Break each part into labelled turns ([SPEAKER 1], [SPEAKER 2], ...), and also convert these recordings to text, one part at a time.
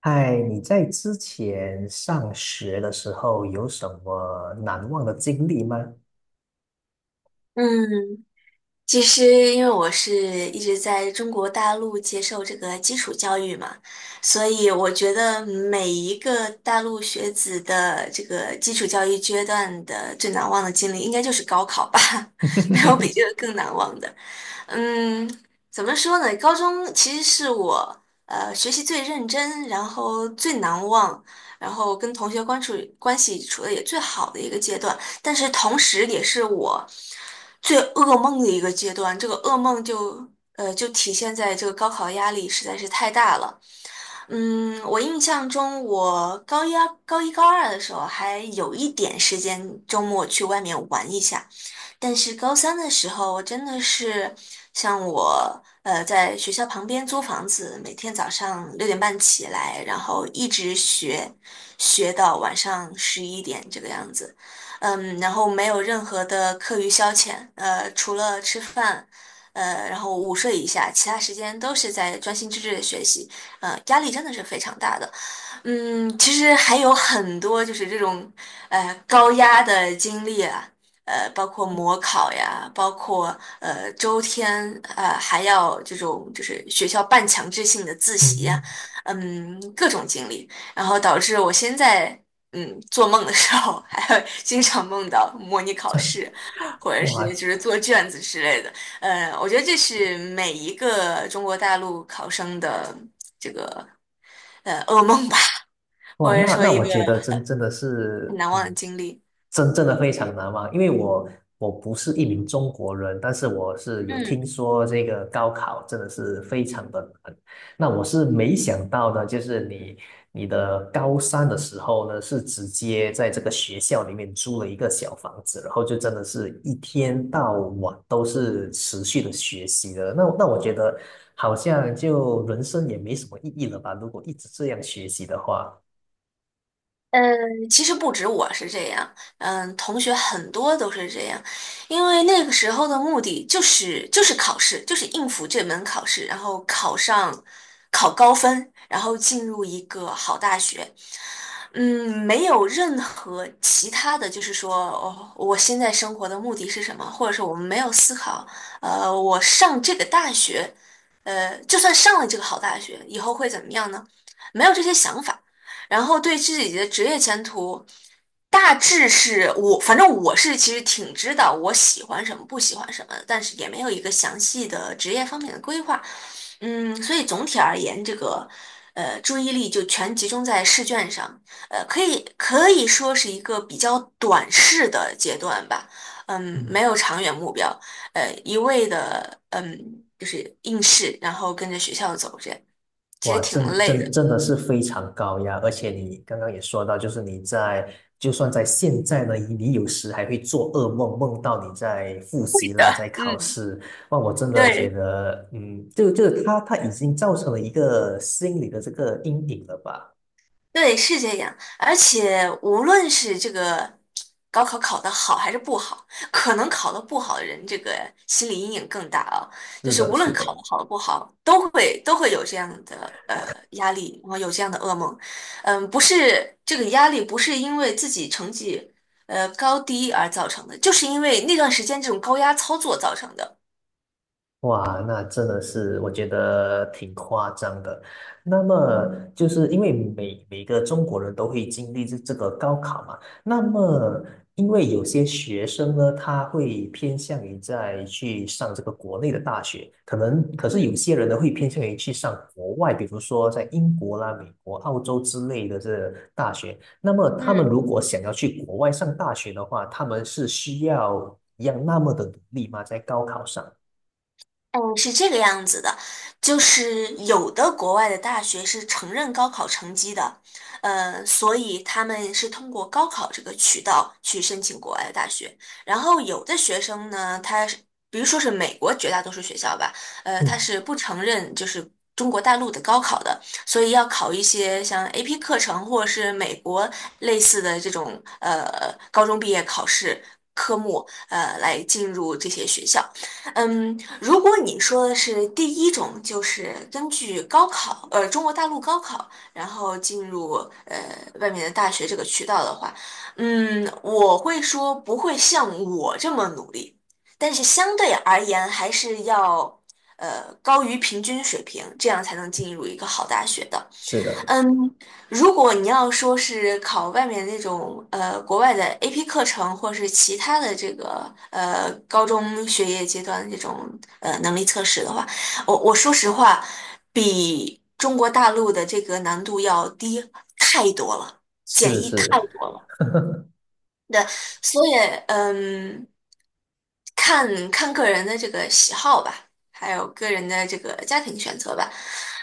[SPEAKER 1] 嗨，你在之前上学的时候有什么难忘的经历吗？
[SPEAKER 2] 嗯，其实因为我是一直在中国大陆接受这个基础教育嘛，所以我觉得每一个大陆学子的这个基础教育阶段的最难忘的经历，应该就是高考吧，没有比这 个更难忘的。嗯，怎么说呢？高中其实是我学习最认真，然后最难忘，然后跟同学关处关系处的也最好的一个阶段，但是同时也是我最噩梦的一个阶段。这个噩梦就就体现在这个高考压力实在是太大了。嗯，我印象中我高一、高二的时候还有一点时间周末去外面玩一下。但是高三的时候，我真的是像我在学校旁边租房子，每天早上六点半起来，然后一直学，学到晚上十一点这个样子。嗯，然后没有任何的课余消遣，除了吃饭，然后午睡一下，其他时间都是在专心致志的学习，压力真的是非常大的。嗯，其实还有很多就是这种高压的经历啊，包括模考呀，包括周天，还要这种就是学校半强制性的自习呀，
[SPEAKER 1] 嗯，
[SPEAKER 2] 嗯，各种经历，然后导致我现在做梦的时候还会经常梦到模拟考
[SPEAKER 1] 这
[SPEAKER 2] 试，或者是
[SPEAKER 1] 哇，
[SPEAKER 2] 就是做卷子之类的，我觉得这是每一个中国大陆考生的噩梦吧。或
[SPEAKER 1] 哇，
[SPEAKER 2] 者
[SPEAKER 1] 那
[SPEAKER 2] 说
[SPEAKER 1] 那
[SPEAKER 2] 一
[SPEAKER 1] 我
[SPEAKER 2] 个
[SPEAKER 1] 觉得真的
[SPEAKER 2] 很
[SPEAKER 1] 是，
[SPEAKER 2] 难忘的
[SPEAKER 1] 嗯，
[SPEAKER 2] 经历。
[SPEAKER 1] 真正的非常难忘，因为我不是一名中国人，但是我是有
[SPEAKER 2] 嗯，
[SPEAKER 1] 听说这个高考真的是非常的难。那我是没想到的，就是你高三的时候呢，是直接在这个学校里面租了一个小房子，然后就真的是一天到晚都是持续的学习的。那我觉得好像就人生也没什么意义了吧，如果一直这样学习的话。
[SPEAKER 2] 嗯，其实不止我是这样，嗯，同学很多都是这样，因为那个时候的目的就是考试，就是应付这门考试，然后考上，考高分，然后进入一个好大学。嗯，没有任何其他的就是说，哦，我现在生活的目的是什么，或者是我们没有思考，我上这个大学，就算上了这个好大学，以后会怎么样呢？没有这些想法。然后对自己的职业前途，大致是我，反正我是其实挺知道我喜欢什么，不喜欢什么的，但是也没有一个详细的职业方面的规划。嗯，所以总体而言，这个注意力就全集中在试卷上，可以说是一个比较短视的阶段吧。嗯，
[SPEAKER 1] 嗯，
[SPEAKER 2] 没有长远目标，一味的就是应试，然后跟着学校走这样，其
[SPEAKER 1] 哇，
[SPEAKER 2] 实挺
[SPEAKER 1] 真的
[SPEAKER 2] 累
[SPEAKER 1] 真
[SPEAKER 2] 的。
[SPEAKER 1] 真的是非常高压，而且你刚刚也说到，就是你在就算在现在呢，你有时还会做噩梦，梦到你在复
[SPEAKER 2] 会
[SPEAKER 1] 习
[SPEAKER 2] 的，
[SPEAKER 1] 啦，在考
[SPEAKER 2] 嗯。
[SPEAKER 1] 试。哇，我真的觉
[SPEAKER 2] 对
[SPEAKER 1] 得，嗯，就他已经造成了一个心理的这个阴影了吧？
[SPEAKER 2] 对，是这样。而且无论是这个高考考得好还是不好，可能考得不好的人，这个心理阴影更大啊。就
[SPEAKER 1] 是
[SPEAKER 2] 是
[SPEAKER 1] 的，
[SPEAKER 2] 无
[SPEAKER 1] 是
[SPEAKER 2] 论考
[SPEAKER 1] 的。
[SPEAKER 2] 得好不好，都会有这样的压力，然后有这样的噩梦。嗯，不是这个压力不是因为自己成绩高低而造成的，就是因为那段时间这种高压操作造成的。
[SPEAKER 1] 哇，那真的是我觉得挺夸张的。那么，就是因为每个中国人都会经历这个高考嘛，那么因为有些学生呢，他会偏向于在去上这个国内的大学，可能可是有
[SPEAKER 2] 嗯
[SPEAKER 1] 些人呢会偏向于去上国外，比如说在英国啦、美国、澳洲之类的这大学。那么他们
[SPEAKER 2] 嗯。
[SPEAKER 1] 如果想要去国外上大学的话，他们是需要一样那么的努力吗？在高考上？
[SPEAKER 2] 嗯，是这个样子的，就是有的国外的大学是承认高考成绩的，所以他们是通过高考这个渠道去申请国外的大学。然后有的学生呢，他是，比如说是美国绝大多数学校吧，他
[SPEAKER 1] 嗯。
[SPEAKER 2] 是不承认就是中国大陆的高考的，所以要考一些像 AP 课程或者是美国类似的这种高中毕业考试科目，来进入这些学校。嗯，如果你说的是第一种，就是根据高考，中国大陆高考，然后进入呃外面的大学这个渠道的话，嗯，我会说不会像我这么努力，但是相对而言还是要高于平均水平，这样才能进入一个好大学的。
[SPEAKER 1] 是的，
[SPEAKER 2] 嗯，如果你要说是考外面那种国外的 AP 课程，或是其他的这个高中学业阶段的这种能力测试的话，我说实话，比中国大陆的这个难度要低太多了。
[SPEAKER 1] 是是，
[SPEAKER 2] 对，所以嗯，看看个人的这个喜好吧，还有个人的这个家庭选择吧。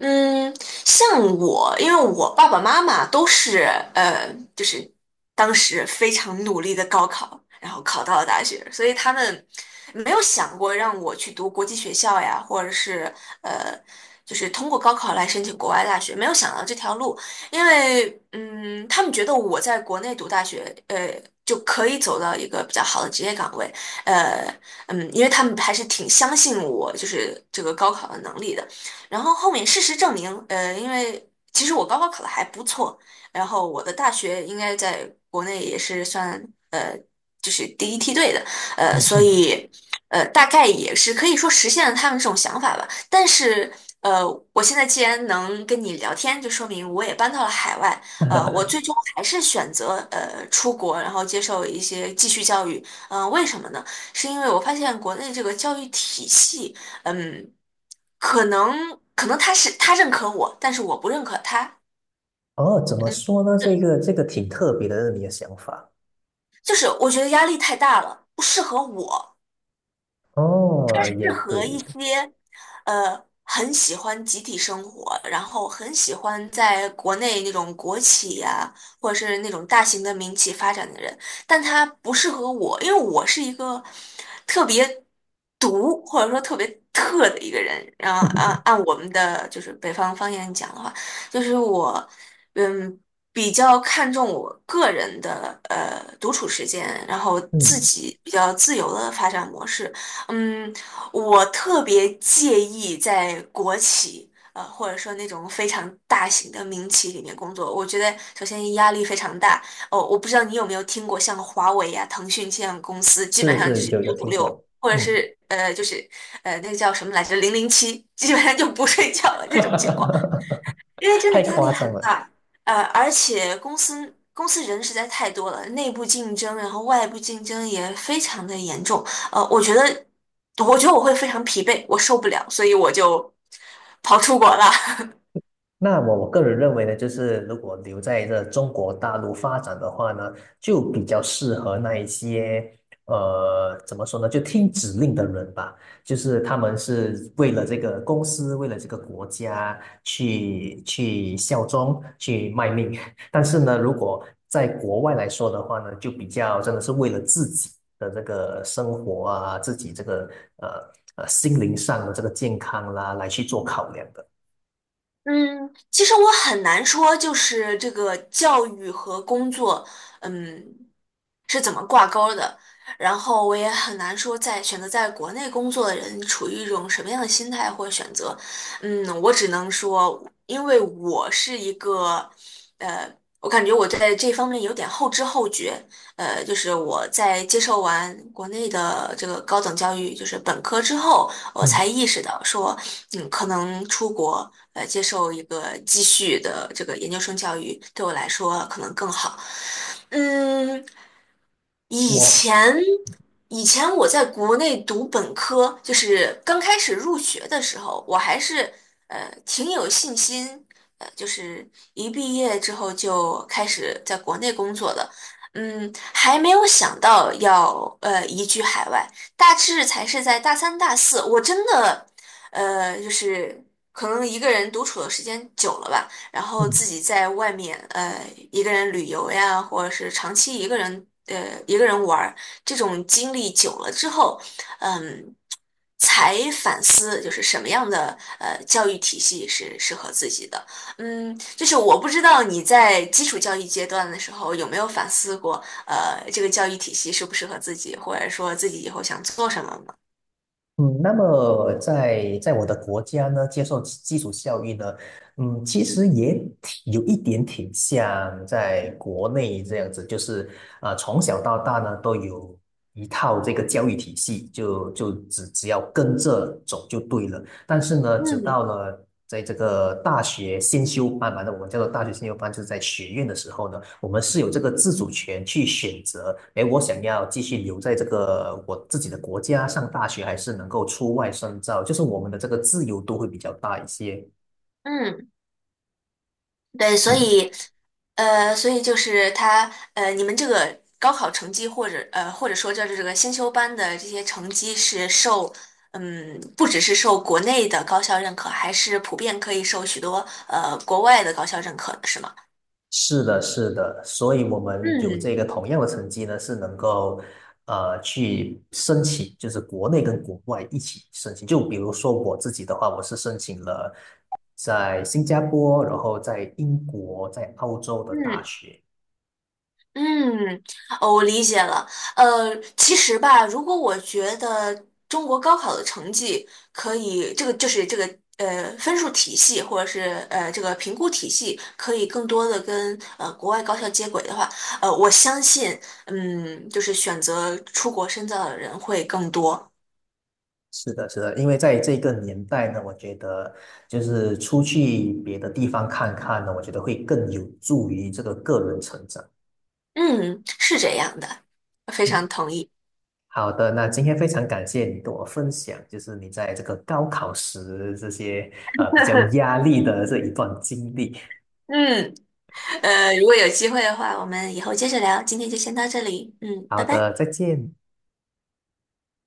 [SPEAKER 2] 嗯，像我，因为我爸爸妈妈都是就是当时非常努力的高考，然后考到了大学，所以他们没有想过让我去读国际学校呀，或者是呃，就是通过高考来申请国外大学，没有想到这条路。因为嗯，他们觉得我在国内读大学，就可以走到一个比较好的职业岗位，呃，嗯，因为他们还是挺相信我，就是这个高考的能力的。然后后面事实证明，因为其实我高考考的还不错，然后我的大学应该在国内也是算呃，就是第一梯队的，
[SPEAKER 1] 嗯
[SPEAKER 2] 所
[SPEAKER 1] 嗯，
[SPEAKER 2] 以大概也是可以说实现了他们这种想法吧。但是，呃，我现在既然能跟你聊天，就说明我也搬到了海外。我最 终还是选择出国，然后接受一些继续教育。嗯、为什么呢？是因为我发现国内这个教育体系，嗯，可能他是他认可我，但是我不认可他，
[SPEAKER 1] 哦，怎么说呢？这个这个挺特别的，你的想法。
[SPEAKER 2] 就是我觉得压力太大了，不适合我。
[SPEAKER 1] 哦，
[SPEAKER 2] 适
[SPEAKER 1] 也对，
[SPEAKER 2] 合
[SPEAKER 1] 也
[SPEAKER 2] 一
[SPEAKER 1] 对，
[SPEAKER 2] 些很喜欢集体生活，然后很喜欢在国内那种国企呀、或者是那种大型的民企发展的人，但他不适合我，因为我是一个特别独或者说特别特的一个人。然后按我们的就是北方方言讲的话，就是我嗯。比较看重我个人的独处时间，然后自
[SPEAKER 1] 嗯，
[SPEAKER 2] 己比较自由的发展模式，嗯，我特别介意在国企，或者说那种非常大型的民企里面工作。我觉得首先压力非常大。哦，我不知道你有没有听过像华为呀、腾讯这样的公司，基本
[SPEAKER 1] 是
[SPEAKER 2] 上就
[SPEAKER 1] 是，
[SPEAKER 2] 是
[SPEAKER 1] 有有
[SPEAKER 2] 九九
[SPEAKER 1] 听
[SPEAKER 2] 六，
[SPEAKER 1] 过，
[SPEAKER 2] 或者
[SPEAKER 1] 嗯，
[SPEAKER 2] 是就是那个叫什么来着，零零七，基本上就不睡觉了这种情况。因为真的
[SPEAKER 1] 太
[SPEAKER 2] 压力
[SPEAKER 1] 夸张
[SPEAKER 2] 很
[SPEAKER 1] 了。
[SPEAKER 2] 大，而且公司人实在太多了，内部竞争，然后外部竞争也非常的严重，我觉得，我觉得我会非常疲惫，我受不了，所以我就跑出国了。
[SPEAKER 1] 那我个人认为呢，就是如果留在这中国大陆发展的话呢，就比较适合那一些怎么说呢，就听指令的人吧。就是他们是为了这个公司，为了这个国家去效忠、去卖命。但是呢，如果在国外来说的话呢，就比较真的是为了自己的这个生活啊，自己这个呃心灵上的这个健康啦，来去做考量的。
[SPEAKER 2] 嗯，其实我很难说，就是这个教育和工作，嗯，是怎么挂钩儿的。然后我也很难说在，选择在国内工作的人处于一种什么样的心态或选择。嗯，我只能说，因为我是一个，呃，我感觉我在这方面有点后知后觉。就是我在接受完国内的这个高等教育，就是本科之后。我
[SPEAKER 1] 嗯，
[SPEAKER 2] 才意识到说，嗯，可能出国接受一个继续的这个研究生教育对我来说可能更好。嗯，以
[SPEAKER 1] 我
[SPEAKER 2] 前，以前我在国内读本科，就是刚开始入学的时候，我还是挺有信心，就是一毕业之后就开始在国内工作的，嗯，还没有想到要移居海外，大致才是在大三大四，我真的就是可能一个人独处的时间久了吧。然后
[SPEAKER 1] 嗯
[SPEAKER 2] 自己在外面一个人旅游呀，或者是长期一个人玩儿，这种经历久了之后，嗯，才反思就是什么样的教育体系是适合自己的。嗯，就是我不知道你在基础教育阶段的时候有没有反思过，这个教育体系适不适合自己，或者说自己以后想做什么吗？
[SPEAKER 1] 嗯，那么在在我的国家呢，接受基础教育呢，嗯，其实也挺有一点挺像在国内这样子，就是啊，从小到大呢都有一套这个教育体系，就只要跟着走就对了。但是呢，直
[SPEAKER 2] 嗯
[SPEAKER 1] 到了在这个大学先修班完了我们叫做大学先修班，就是在学院的时候呢，我们是有这个自主权去选择，哎，我想要继续留在这个我自己的国家上大学，还是能够出外深造，就是我们的这个自由度会比较大一些。
[SPEAKER 2] 嗯。对，所以，
[SPEAKER 1] 嗯
[SPEAKER 2] 所以就是他，你们这个高考成绩或者或者说就是这个先修班的这些成绩是受，嗯，不只是受国内的高校认可，还是普遍可以受许多国外的高校认可的，是吗？
[SPEAKER 1] 是的，是的，所以我们有
[SPEAKER 2] 嗯
[SPEAKER 1] 这个同样的成绩呢，是能够去申请，就是国内跟国外一起申请。就比如说我自己的话，我是申请了在新加坡，然后在英国、在澳洲的大
[SPEAKER 2] 嗯，
[SPEAKER 1] 学。
[SPEAKER 2] 嗯，哦，我理解了。其实吧，如果我觉得中国高考的成绩可以，这个就是这个分数体系或者是这个评估体系可以更多的跟国外高校接轨的话，我相信，嗯，就是选择出国深造的人会更多。
[SPEAKER 1] 是的，是的，因为在这个年代呢，我觉得就是出去别的地方看看呢，我觉得会更有助于这个个人成长。
[SPEAKER 2] 嗯，是这样的，非
[SPEAKER 1] 嗯。
[SPEAKER 2] 常同意。
[SPEAKER 1] 好的，那今天非常感谢你跟我分享，就是你在这个高考时这些比较压力的这一段经历。
[SPEAKER 2] 嗯，如果有机会的话，我们以后接着聊。今天就先到这里。嗯，拜
[SPEAKER 1] 好
[SPEAKER 2] 拜。
[SPEAKER 1] 的，再见。